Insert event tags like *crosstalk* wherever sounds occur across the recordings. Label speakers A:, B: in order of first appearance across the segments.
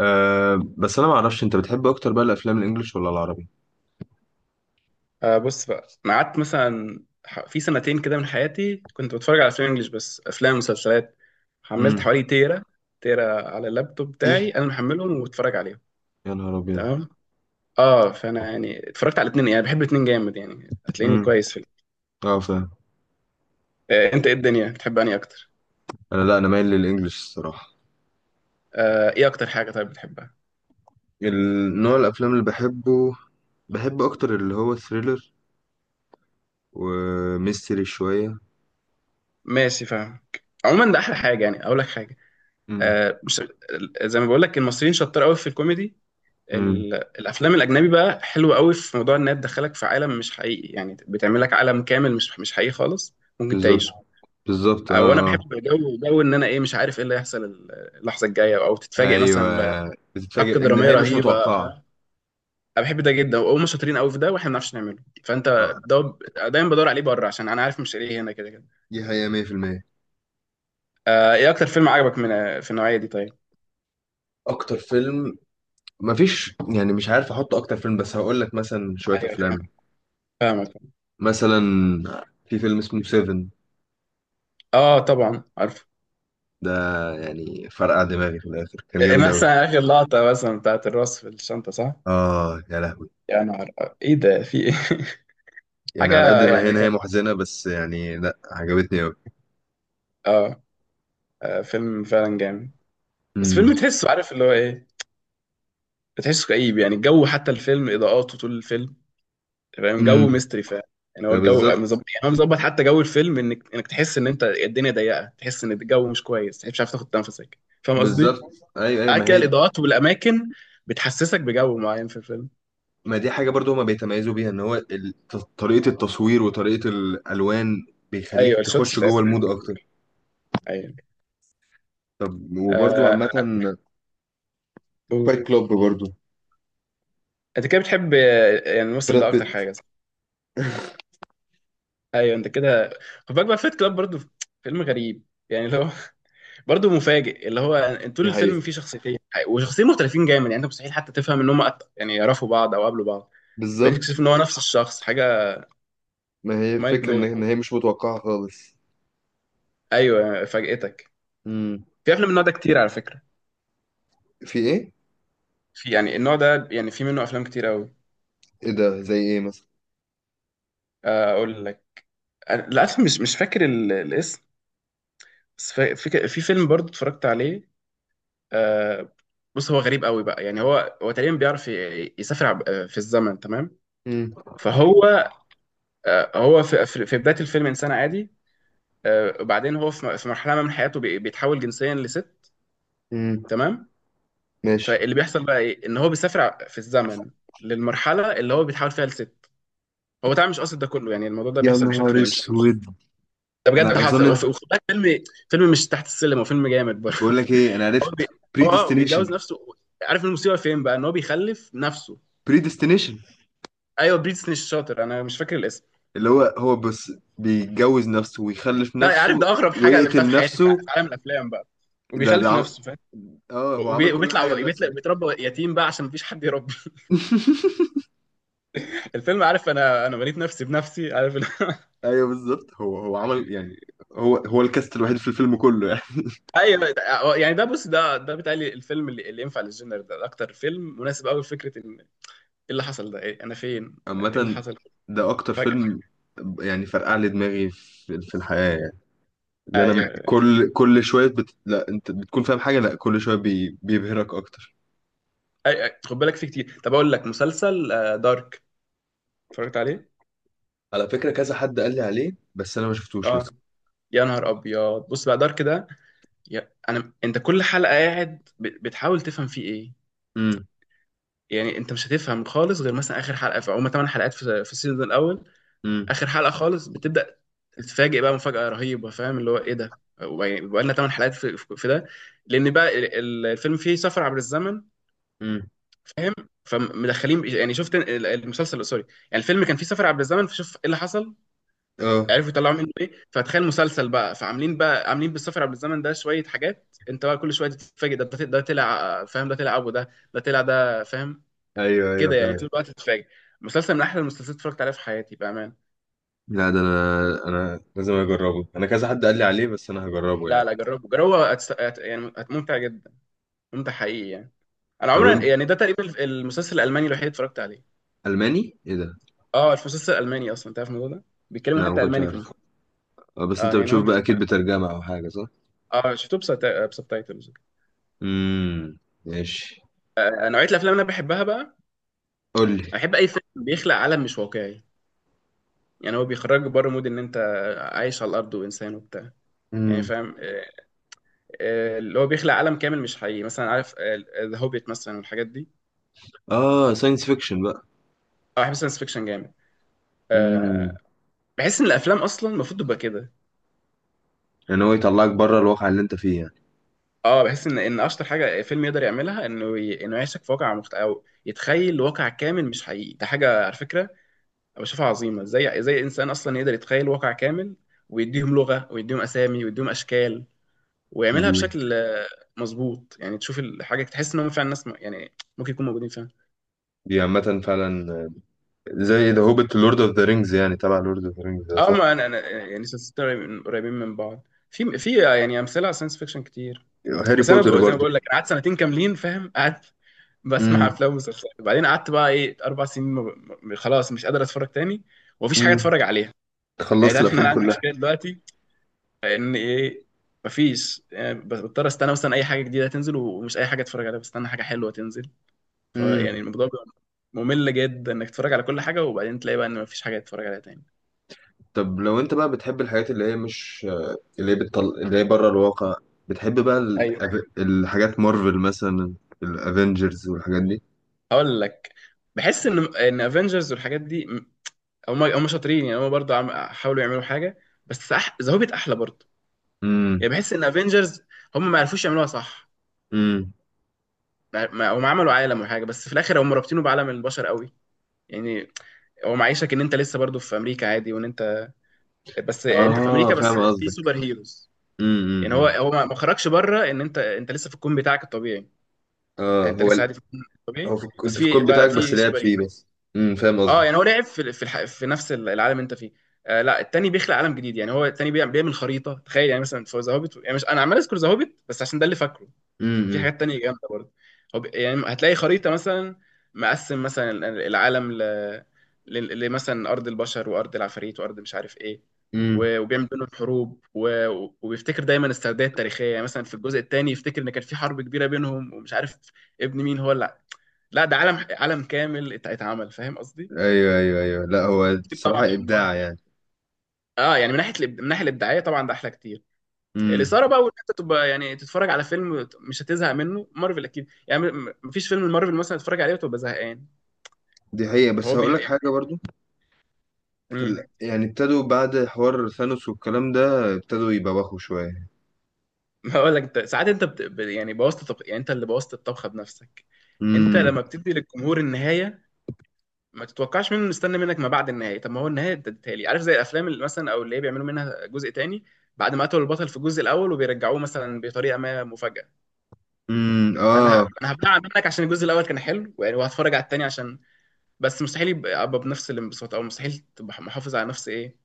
A: أه، بس انا ما اعرفش انت بتحب اكتر بقى الافلام الانجليش ولا العربي؟
B: بص بقى. انا قعدت مثلا في سنتين كده من حياتي كنت بتفرج على افلام انجلش، بس افلام ومسلسلات. حملت
A: امم.
B: حوالي تيرا على اللابتوب بتاعي،
A: ايه.
B: انا محملهم وبتفرج عليهم.
A: يا نهار ابيض.
B: تمام. اه، فانا يعني اتفرجت على الاثنين، يعني بحب الاثنين جامد، يعني هتلاقيني
A: امم.
B: كويس في
A: اه، فاهم.
B: آه، انت ايه الدنيا بتحب انهي اكتر؟
A: انا لا، انا مايل للانجليش الصراحه.
B: آه، ايه اكتر حاجه طيب بتحبها؟
A: النوع الافلام اللي بحبه، بحب اكتر اللي هو ثريلر وميستري شويه.
B: ماشي، فاهم. عموما ده احلى حاجه. يعني اقول لك حاجه،
A: امم.
B: مش زي ما بقول لك، المصريين شطار قوي في الكوميدي.
A: امم.
B: الافلام الاجنبي بقى حلوه قوي في موضوع انها تدخلك في عالم مش حقيقي، يعني بتعمل لك عالم كامل مش حقيقي خالص، ممكن
A: بالظبط.
B: تعيشه.
A: بالظبط
B: وانا
A: اه اه.
B: بحب جو، ان انا ايه، مش عارف ايه اللي هيحصل اللحظه الجايه، او تتفاجئ
A: ايوه،
B: مثلا. بحبكه
A: بتتفاجئ،
B: دراميه
A: النهايه مش
B: رهيبه،
A: متوقعه.
B: فاهم. انا بحب ده جدا، وهم شاطرين قوي في ده، واحنا ما بنعرفش نعمله. فانت
A: اه
B: ده دايما بدور عليه بره، عشان انا عارف مش ايه هنا، كده كده.
A: دي حقيقه 100%.
B: ايه اكتر فيلم عجبك من في النوعيه دي طيب؟
A: اكتر فيلم؟ مفيش يعني، مش عارف احط اكتر فيلم، بس هقول لك مثلا شويه
B: ايوه
A: افلام.
B: فاهمك، فاهمك.
A: مثلا في فيلم اسمه سيفن.
B: اه طبعا عارف.
A: ده يعني فرقع دماغي في الآخر، كان
B: إيه
A: جامد أوي.
B: مثلا اخر لقطه مثلا بتاعت الراس في الشنطه، صح؟
A: آه يا لهوي.
B: يا نهار ايه ده، في ايه؟ *laughs*
A: يعني على قد
B: حاجه
A: ما هي
B: يعني
A: نهاية
B: فعلا.
A: محزنة بس يعني لأ، عجبتني أوي.
B: اه. فيلم فعلا جامد. بس
A: امم.
B: فيلم تحسه، عارف اللي هو ايه، بتحسه كئيب. يعني الجو، حتى الفيلم اضاءاته طول الفيلم، فاهم
A: امم.
B: جو ميستري فعلا. يعني هو
A: ده
B: الجو
A: بالظبط.
B: مظبط، يعني هو مظبط حتى جو الفيلم، انك تحس ان انت الدنيا ضيقه، تحس ان الجو مش كويس، تحس مش عارف تاخد نفسك. فاهم قصدي؟
A: بالظبط. أيوه أيوه
B: عارف
A: ما
B: كده
A: هي.
B: الاضاءات والاماكن، بتحسسك بجو معين في الفيلم.
A: ما دي حاجة برضو هما بيتميزوا بيها، إن هو ال- ط- طريقة التصوير وطريقة الألوان بيخليك
B: ايوه الشوتس
A: تخش جوه
B: بتاعتهم.
A: المود أكتر.
B: ايوه.
A: طب وبرضو
B: آه،
A: عامة،
B: قول.
A: فايت كلوب برضو.
B: انت كده بتحب، آه، يعني الممثل ده
A: براد
B: اكتر
A: بيت.
B: حاجه. ايوه انت كده. خد بالك بقى، فيت كلاب برضو. فيلم غريب يعني، اللي هو *laughs* برضو مفاجئ، اللي هو انت طول
A: دي
B: الفيلم
A: حقيقة.
B: فيه شخصيتين، وشخصيتين مختلفين جامد، يعني انت مستحيل حتى تفهم ان هم يعني يعرفوا بعض او قابلوا بعض. بعدين
A: بالظبط.
B: تكتشف ان هو نفس الشخص، حاجه
A: ما هي
B: مايند
A: الفكرة إن
B: بلوي.
A: إن هي مش متوقعة خالص.
B: ايوه فاجئتك. في افلام من النوع ده كتير على فكره.
A: في ايه؟
B: في يعني النوع ده، يعني في منه افلام كتير قوي.
A: ايه ده، زي ايه مثلا؟
B: اقول لك. للاسف مش فاكر الاسم. بس في فيلم برضو اتفرجت عليه. آه، بص، هو غريب قوي بقى. يعني هو تقريبا بيعرف يسافر في الزمن، تمام.
A: امم.
B: فهو، هو في في بدايه الفيلم انسان عادي. وبعدين هو في مرحله ما من حياته بيتحول جنسيا لست،
A: امم.
B: تمام.
A: ماشي.
B: فاللي بيحصل بقى ايه، ان هو بيسافر في الزمن، للمرحله اللي هو بيتحول فيها لست. هو طبعا مش قاصد ده كله، يعني الموضوع ده
A: يا
B: بيحصل
A: نهار
B: بشكل مش،
A: اسود.
B: ده بجد
A: انا
B: حصل.
A: اظن.
B: وفي، وخد بالك، فيلم فيلم مش تحت السلم، هو فيلم جامد برضه
A: بقول لك
B: *laughs*
A: ايه، انا
B: هو
A: عرفت.
B: بي... هو، بيتجوز
A: بريديستنيشن.
B: نفسه. عارف المصيبه فين بقى، ان هو بيخلف نفسه.
A: بريديستنيشن.
B: ايوه بريتني الشاطر، انا مش فاكر الاسم.
A: اللي هو هو بس بيتجوز نفسه ويخلف
B: لا
A: نفسه
B: عارف، ده اغرب حاجه قابلتها
A: ويقتل
B: في حياتي في
A: نفسه.
B: في عالم الافلام بقى.
A: ده ده
B: وبيخلف
A: عم...
B: نفسه.
A: اه هو عمل كل حاجه
B: وبيطلع،
A: لنفسه يعني.
B: بيتربى يتيم بقى عشان مفيش حد يربي.
A: *laughs*
B: *laughs* الفيلم، عارف، انا بنيت نفسي بنفسي، عارف *laughs*
A: ايوه بالظبط، هو هو عمل يعني، هو هو الكاست الوحيد في الفيلم كله يعني.
B: ايوه يعني ده، بص، ده بيتهيألي الفيلم اللي ينفع للجنر ده، ده اكتر فيلم مناسب قوي لفكره ان ايه اللي حصل، ده إيه، انا فين، انا ايه اللي
A: عامة،
B: حصل
A: ده اكتر
B: فجأة.
A: فيلم يعني فرقع لي دماغي في الحياة يعني. لان أنا
B: ايوه اتفرج.
A: كل لا انت بتكون فاهم حاجه، لا كل بيبهرك اكتر.
B: خد بالك فيه كتير. طب اقول لك مسلسل، دارك، اتفرجت عليه.
A: على فكره كذا حد قال لي عليه بس انا ما شفتوش
B: اه.
A: لسه.
B: يا نهار ابيض، بص بقى، دارك ده، انا انت كل حلقه قاعد بتحاول تفهم فيه ايه.
A: امم.
B: يعني انت مش هتفهم خالص، غير مثلا اخر حلقه. في هما 8 حلقات في في السيزون الاول.
A: امم.
B: اخر حلقه خالص بتبدا، تتفاجئ بقى مفاجاه رهيبه، فاهم اللي هو ايه، ده بقى لنا 8 حلقات في ده. لان بقى الفيلم فيه سفر عبر الزمن،
A: امم.
B: فاهم. فمدخلين، يعني شفت المسلسل، سوري، يعني الفيلم كان فيه سفر عبر الزمن، فشوف ايه اللي حصل،
A: اه.
B: عرفوا يطلعوا منه ايه. فتخيل مسلسل بقى، فعاملين بقى، عاملين بالسفر عبر الزمن ده شويه حاجات، انت بقى كل شويه تتفاجئ، ده طلع، فاهم، ده طلع ابو ده، ده طلع ده، فاهم
A: ايوه ايوه
B: كده. يعني
A: فاهم.
B: طول الوقت تتفاجئ. مسلسل من احلى المسلسلات اتفرجت عليها في حياتي بقى.
A: لا ده انا لازم اجربه، انا كذا حد قال لي عليه بس انا هجربه
B: لا
A: يعني.
B: لا جربه جربه، يعني ممتع جدا، ممتع حقيقي يعني. انا
A: طب انت،
B: عمري، يعني ده تقريبا المسلسل الالماني الوحيد اللي اتفرجت عليه.
A: الماني ايه ده؟
B: اه المسلسل الالماني، اصلا تعرف الموضوع ده، بيتكلموا
A: لا ما
B: حتى
A: كنتش
B: الماني في
A: عارف.
B: المسلسل.
A: آه، بس انت
B: اه يعني هو
A: بتشوف بقى
B: بيتكلموا
A: اكيد
B: الماني.
A: بترجمه او حاجه، صح؟
B: اه شفته بسبتايتلز.
A: امم. ماشي.
B: نوعيه الافلام اللي انا بحبها بقى،
A: قول لي.
B: انا بحب اي فيلم بيخلق عالم مش واقعي. يعني هو بيخرجك بره مود ان انت عايش على الارض وانسان وبتاع، يعني
A: امم.
B: فاهم. اللي هو بيخلق عالم كامل مش حقيقي، مثلا عارف ذا هوبيت مثلا، والحاجات دي.
A: اه، ساينس فيكشن بقى.
B: اه بحب ساينس فيكشن جامد. آه،
A: امم.
B: بحس ان الافلام اصلا المفروض تبقى كده.
A: يعني هو يطلعك بره الواقع اللي انت فيه
B: اه بحس ان اشطر حاجه فيلم يقدر يعملها، انه انه يعيشك في واقع او يتخيل واقع كامل مش حقيقي. ده حاجه على فكره أنا بشوفها عظيمه، ازاي، ازاي انسان اصلا يقدر يتخيل واقع كامل، ويديهم لغه، ويديهم اسامي، ويديهم اشكال، ويعملها
A: يعني.
B: بشكل، مظبوط. يعني تشوف الحاجه تحس ان هم فعلا ناس يعني ممكن يكونوا موجودين فعلا.
A: دي عامة فعلا. زي ذا هوبيت، لورد اوف ذا رينجز يعني، تبع لورد اوف ذا رينجز ده،
B: اه
A: صح؟
B: ما انا يعني سلسلتين قريبين من بعض، في يعني امثله على ساينس فيكشن كتير.
A: هاري
B: بس انا
A: بوتر
B: زي ما
A: برضو.
B: بقول لك، انا قعدت سنتين كاملين، فاهم، قاعد بسمع
A: امم.
B: افلام ومسلسلات. وبعدين قعدت بقى ايه اربع سنين خلاص، مش قادر اتفرج تاني. ومفيش حاجه
A: امم.
B: اتفرج عليها. يعني
A: خلصت
B: تعرف ان انا
A: الافلام
B: عندي
A: كلها.
B: مشكله دلوقتي، ان ايه، مفيش يعني، بضطر استنى مثلا اي حاجه جديده تنزل، ومش اي حاجه اتفرج عليها، بستنى حاجه حلوه تنزل.
A: امم.
B: فيعني الموضوع بيبقى ممل جدا، انك تتفرج على كل حاجه وبعدين تلاقي بقى ان مفيش حاجه تتفرج عليها تاني.
A: طب لو انت بقى بتحب الحاجات اللي هي مش، اللي هي بره الواقع، بتحب بقى ال...
B: ايوه
A: الحاجات، مارفل مثلا، الافنجرز والحاجات دي.
B: هقول لك. بحس ان افنجرز والحاجات دي، هم شاطرين، يعني هم برضه حاولوا يعملوا حاجه. بس ذا هوبيت احلى برضه.
A: امم.
B: يعني بحس ان افنجرز، هم ما عرفوش يعملوها صح.
A: امم.
B: هم عملوا عالم وحاجه، بس في الاخر هم رابطينه بعالم البشر قوي. يعني هو معيشك ان انت لسه برضه في امريكا عادي، وان انت، بس انت في
A: اه
B: امريكا،
A: فاهم
B: بس في
A: قصدك.
B: سوبر هيروز.
A: امم. امم.
B: يعني هو
A: أمم.
B: هو ما خرجش بره، ان انت، انت لسه في الكون بتاعك الطبيعي.
A: اه
B: يعني انت
A: هو
B: لسه
A: ال...
B: عادي في الكون الطبيعي، بس
A: كنت في الكود
B: في بقى
A: بتاعك بس
B: في
A: لعب
B: سوبر
A: فيه
B: هيروز.
A: بس. امم، فاهم
B: اه
A: قصدك.
B: يعني هو لعب في نفس العالم اللي انت فيه. آه لا التاني بيخلق عالم جديد. يعني هو التاني بيعمل خريطه، تخيل يعني، مثلا في ذا هوبيت، يعني مش انا عمال اذكر ذا هوبيت بس عشان ده اللي فاكره، في
A: امم.
B: حاجات تانية جامدة برضه. هو يعني هتلاقي خريطة مثلا، مقسم مثلا العالم لمثلا أرض البشر، وأرض العفاريت، وأرض مش عارف إيه.
A: امم.
B: و، وبيعمل بينهم حروب و، وبيفتكر دايما السرديه التاريخية. يعني مثلا في الجزء التاني يفتكر إن كان في حرب كبيرة بينهم ومش عارف ابن مين هو. لا لا، ده عالم، عالم كامل اتعمل، فاهم قصدي؟
A: ايوه ايوه ايوه، لا هو
B: كتير
A: الصراحه
B: طبعا من
A: ابداع
B: مارفل.
A: يعني.
B: اه يعني من ناحية من الناحية الإبداعية طبعا ده أحلى كتير.
A: امم.
B: الاثاره بقى، وان انت تبقى يعني تتفرج على فيلم مش هتزهق منه، مارفل اكيد يعني، مفيش فيلم المارفل مثلا تتفرج عليه وتبقى زهقان.
A: دي حقيقه
B: هو
A: بس هقول
B: بيح
A: لك
B: يعني.
A: حاجه برضو. في ال...
B: امم.
A: يعني ابتدوا بعد حوار ثانوس والكلام ده، ابتدوا يبوخوا شويه.
B: *laughs* هقول لك، انت ساعات انت يعني بوظت، يعني انت اللي بوظت الطبخه بنفسك. انت
A: امم.
B: لما بتدي للجمهور النهايه، ما تتوقعش منه مستني منك ما بعد النهايه. طب ما هو النهايه انت اديتها لي، عارف، زي الافلام اللي مثلا، او اللي هي بيعملوا منها جزء تاني بعد ما قتلوا البطل في الجزء الاول، وبيرجعوه مثلا بطريقه ما، مفاجاه. انا ه...
A: اه.
B: انا هبلع منك عشان الجزء الاول كان حلو يعني، وهتفرج على التاني عشان، بس مستحيل يبقى، أبقى بنفس الانبساط، او مستحيل تبقى محافظ على نفس ايه،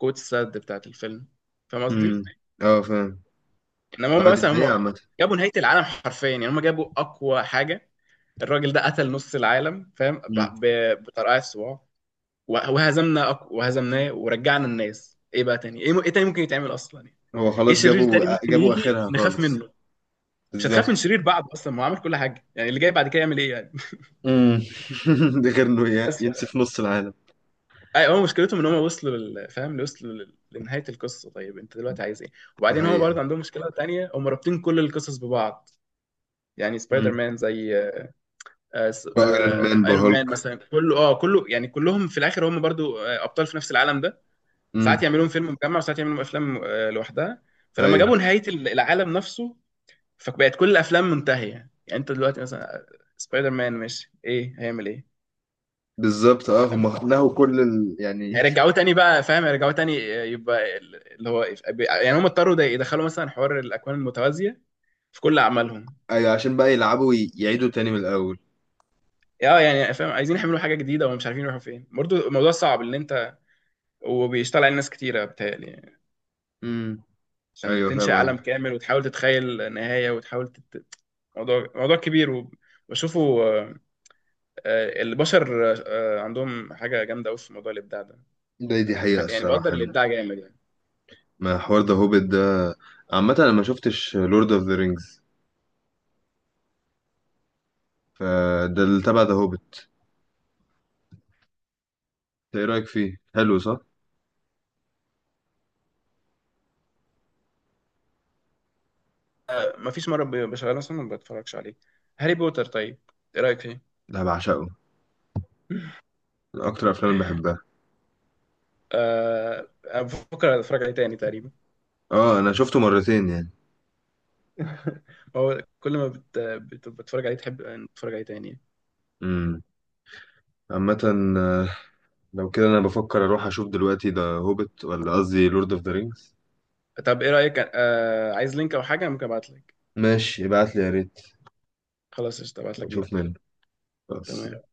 B: قوه السد بتاعت الفيلم. فاهم
A: امم.
B: قصدي.
A: اه فاهم.
B: انما هم
A: اه دي
B: مثلا،
A: حقيقه عامه.
B: جابوا نهايه العالم حرفيا. يعني هم جابوا اقوى حاجه. الراجل ده قتل نص العالم، فاهم،
A: امم.
B: بطرقعة الصباع. وهزمنا وهزمناه ورجعنا الناس، ايه بقى تاني، ايه تاني ممكن يتعمل اصلا يعني.
A: هو
B: ايه
A: خلاص
B: شرير
A: جابوا،
B: تاني ممكن
A: جابوا
B: يجي
A: اخرها
B: نخاف
A: خالص.
B: منه؟ مش هتخاف من
A: بالظبط.
B: شرير بعده اصلا، ما هو عمل كل حاجه. يعني اللي جاي بعد كده يعمل ايه يعني.
A: امم. *laughs* ده غير انه
B: *laughs* بس.
A: ينسف نص العالم.
B: اي هو مشكلتهم ان هم وصلوا فاهم، وصلوا لنهايه القصه. طيب انت دلوقتي عايز ايه؟
A: دي
B: وبعدين هم
A: حقيقه.
B: برضه عندهم مشكله تانية، هم رابطين كل القصص ببعض. يعني سبايدر
A: امم.
B: مان زي،
A: بقى ايرون مان بقى
B: ايرون مان
A: هولك.
B: مثلا، كله اه كله، يعني كلهم في الاخر هم برضو، ابطال في نفس العالم ده.
A: امم.
B: ساعات يعملون فيلم مجمع، وساعات يعملون افلام، لوحدها. فلما
A: ايوه
B: جابوا نهايه العالم نفسه، فبقت كل الافلام منتهيه يعني. انت دلوقتي مثلا، سبايدر مان ماشي ايه، هيعمل ايه.
A: بالظبط، اه هم نهوا كل ال... يعني. *laughs*
B: رجعوه تاني بقى، فاهم، رجعوه تاني، يبقى اللي هو. يعني هم اضطروا يدخلوا مثلا حوار الاكوان المتوازيه في كل اعمالهم.
A: ايوه عشان بقى يلعبوا ويعيدوا تاني من الاول.
B: اه يعني فاهم، عايزين يعملوا حاجه جديده ومش عارفين يروحوا فين، برضه الموضوع صعب ان انت، وبيشتغل على ناس كتيره، بتهيألي يعني.
A: امم.
B: عشان
A: ايوه
B: تنشئ
A: فاهم
B: عالم
A: قصدي.
B: كامل، وتحاول تتخيل نهايه، وتحاول موضوع، كبير و، بشوفه، البشر عندهم حاجه جامده قوي في موضوع الابداع ده.
A: ده دي حقيقة
B: يعني بقدر
A: الصراحة
B: الابداع جامد يعني.
A: ما حوار ذا هوبيت ده. عامة انا ما شفتش لورد اوف ذا رينجز، فده اللي تبع ذا هوبيت. ايه رأيك فيه، حلو صح؟
B: ما فيش مره بشغله مثلا ما بتفرجش عليه. هاري بوتر طيب، ايه رايك فيه؟
A: لا بعشقه، من اكتر افلام اللي بحبها.
B: آه، بفكر اتفرج عليه تاني تقريبا.
A: اه انا شفته مرتين يعني.
B: *laughs* هو كل ما بتفرج عليه تحب إن تتفرج عليه تاني.
A: امم. عامة، آه، لو كده انا بفكر اروح اشوف دلوقتي ذا هوبيت، ولا قصدي لورد اوف ذا رينجز.
B: طب ايه رأيك، عايز لينك او حاجة ممكن ابعت لك؟
A: ماشي ابعت لي يا ريت
B: خلاص قشطة، ابعت لك
A: واشوف
B: دلوقتي.
A: منه. بس.
B: تمام.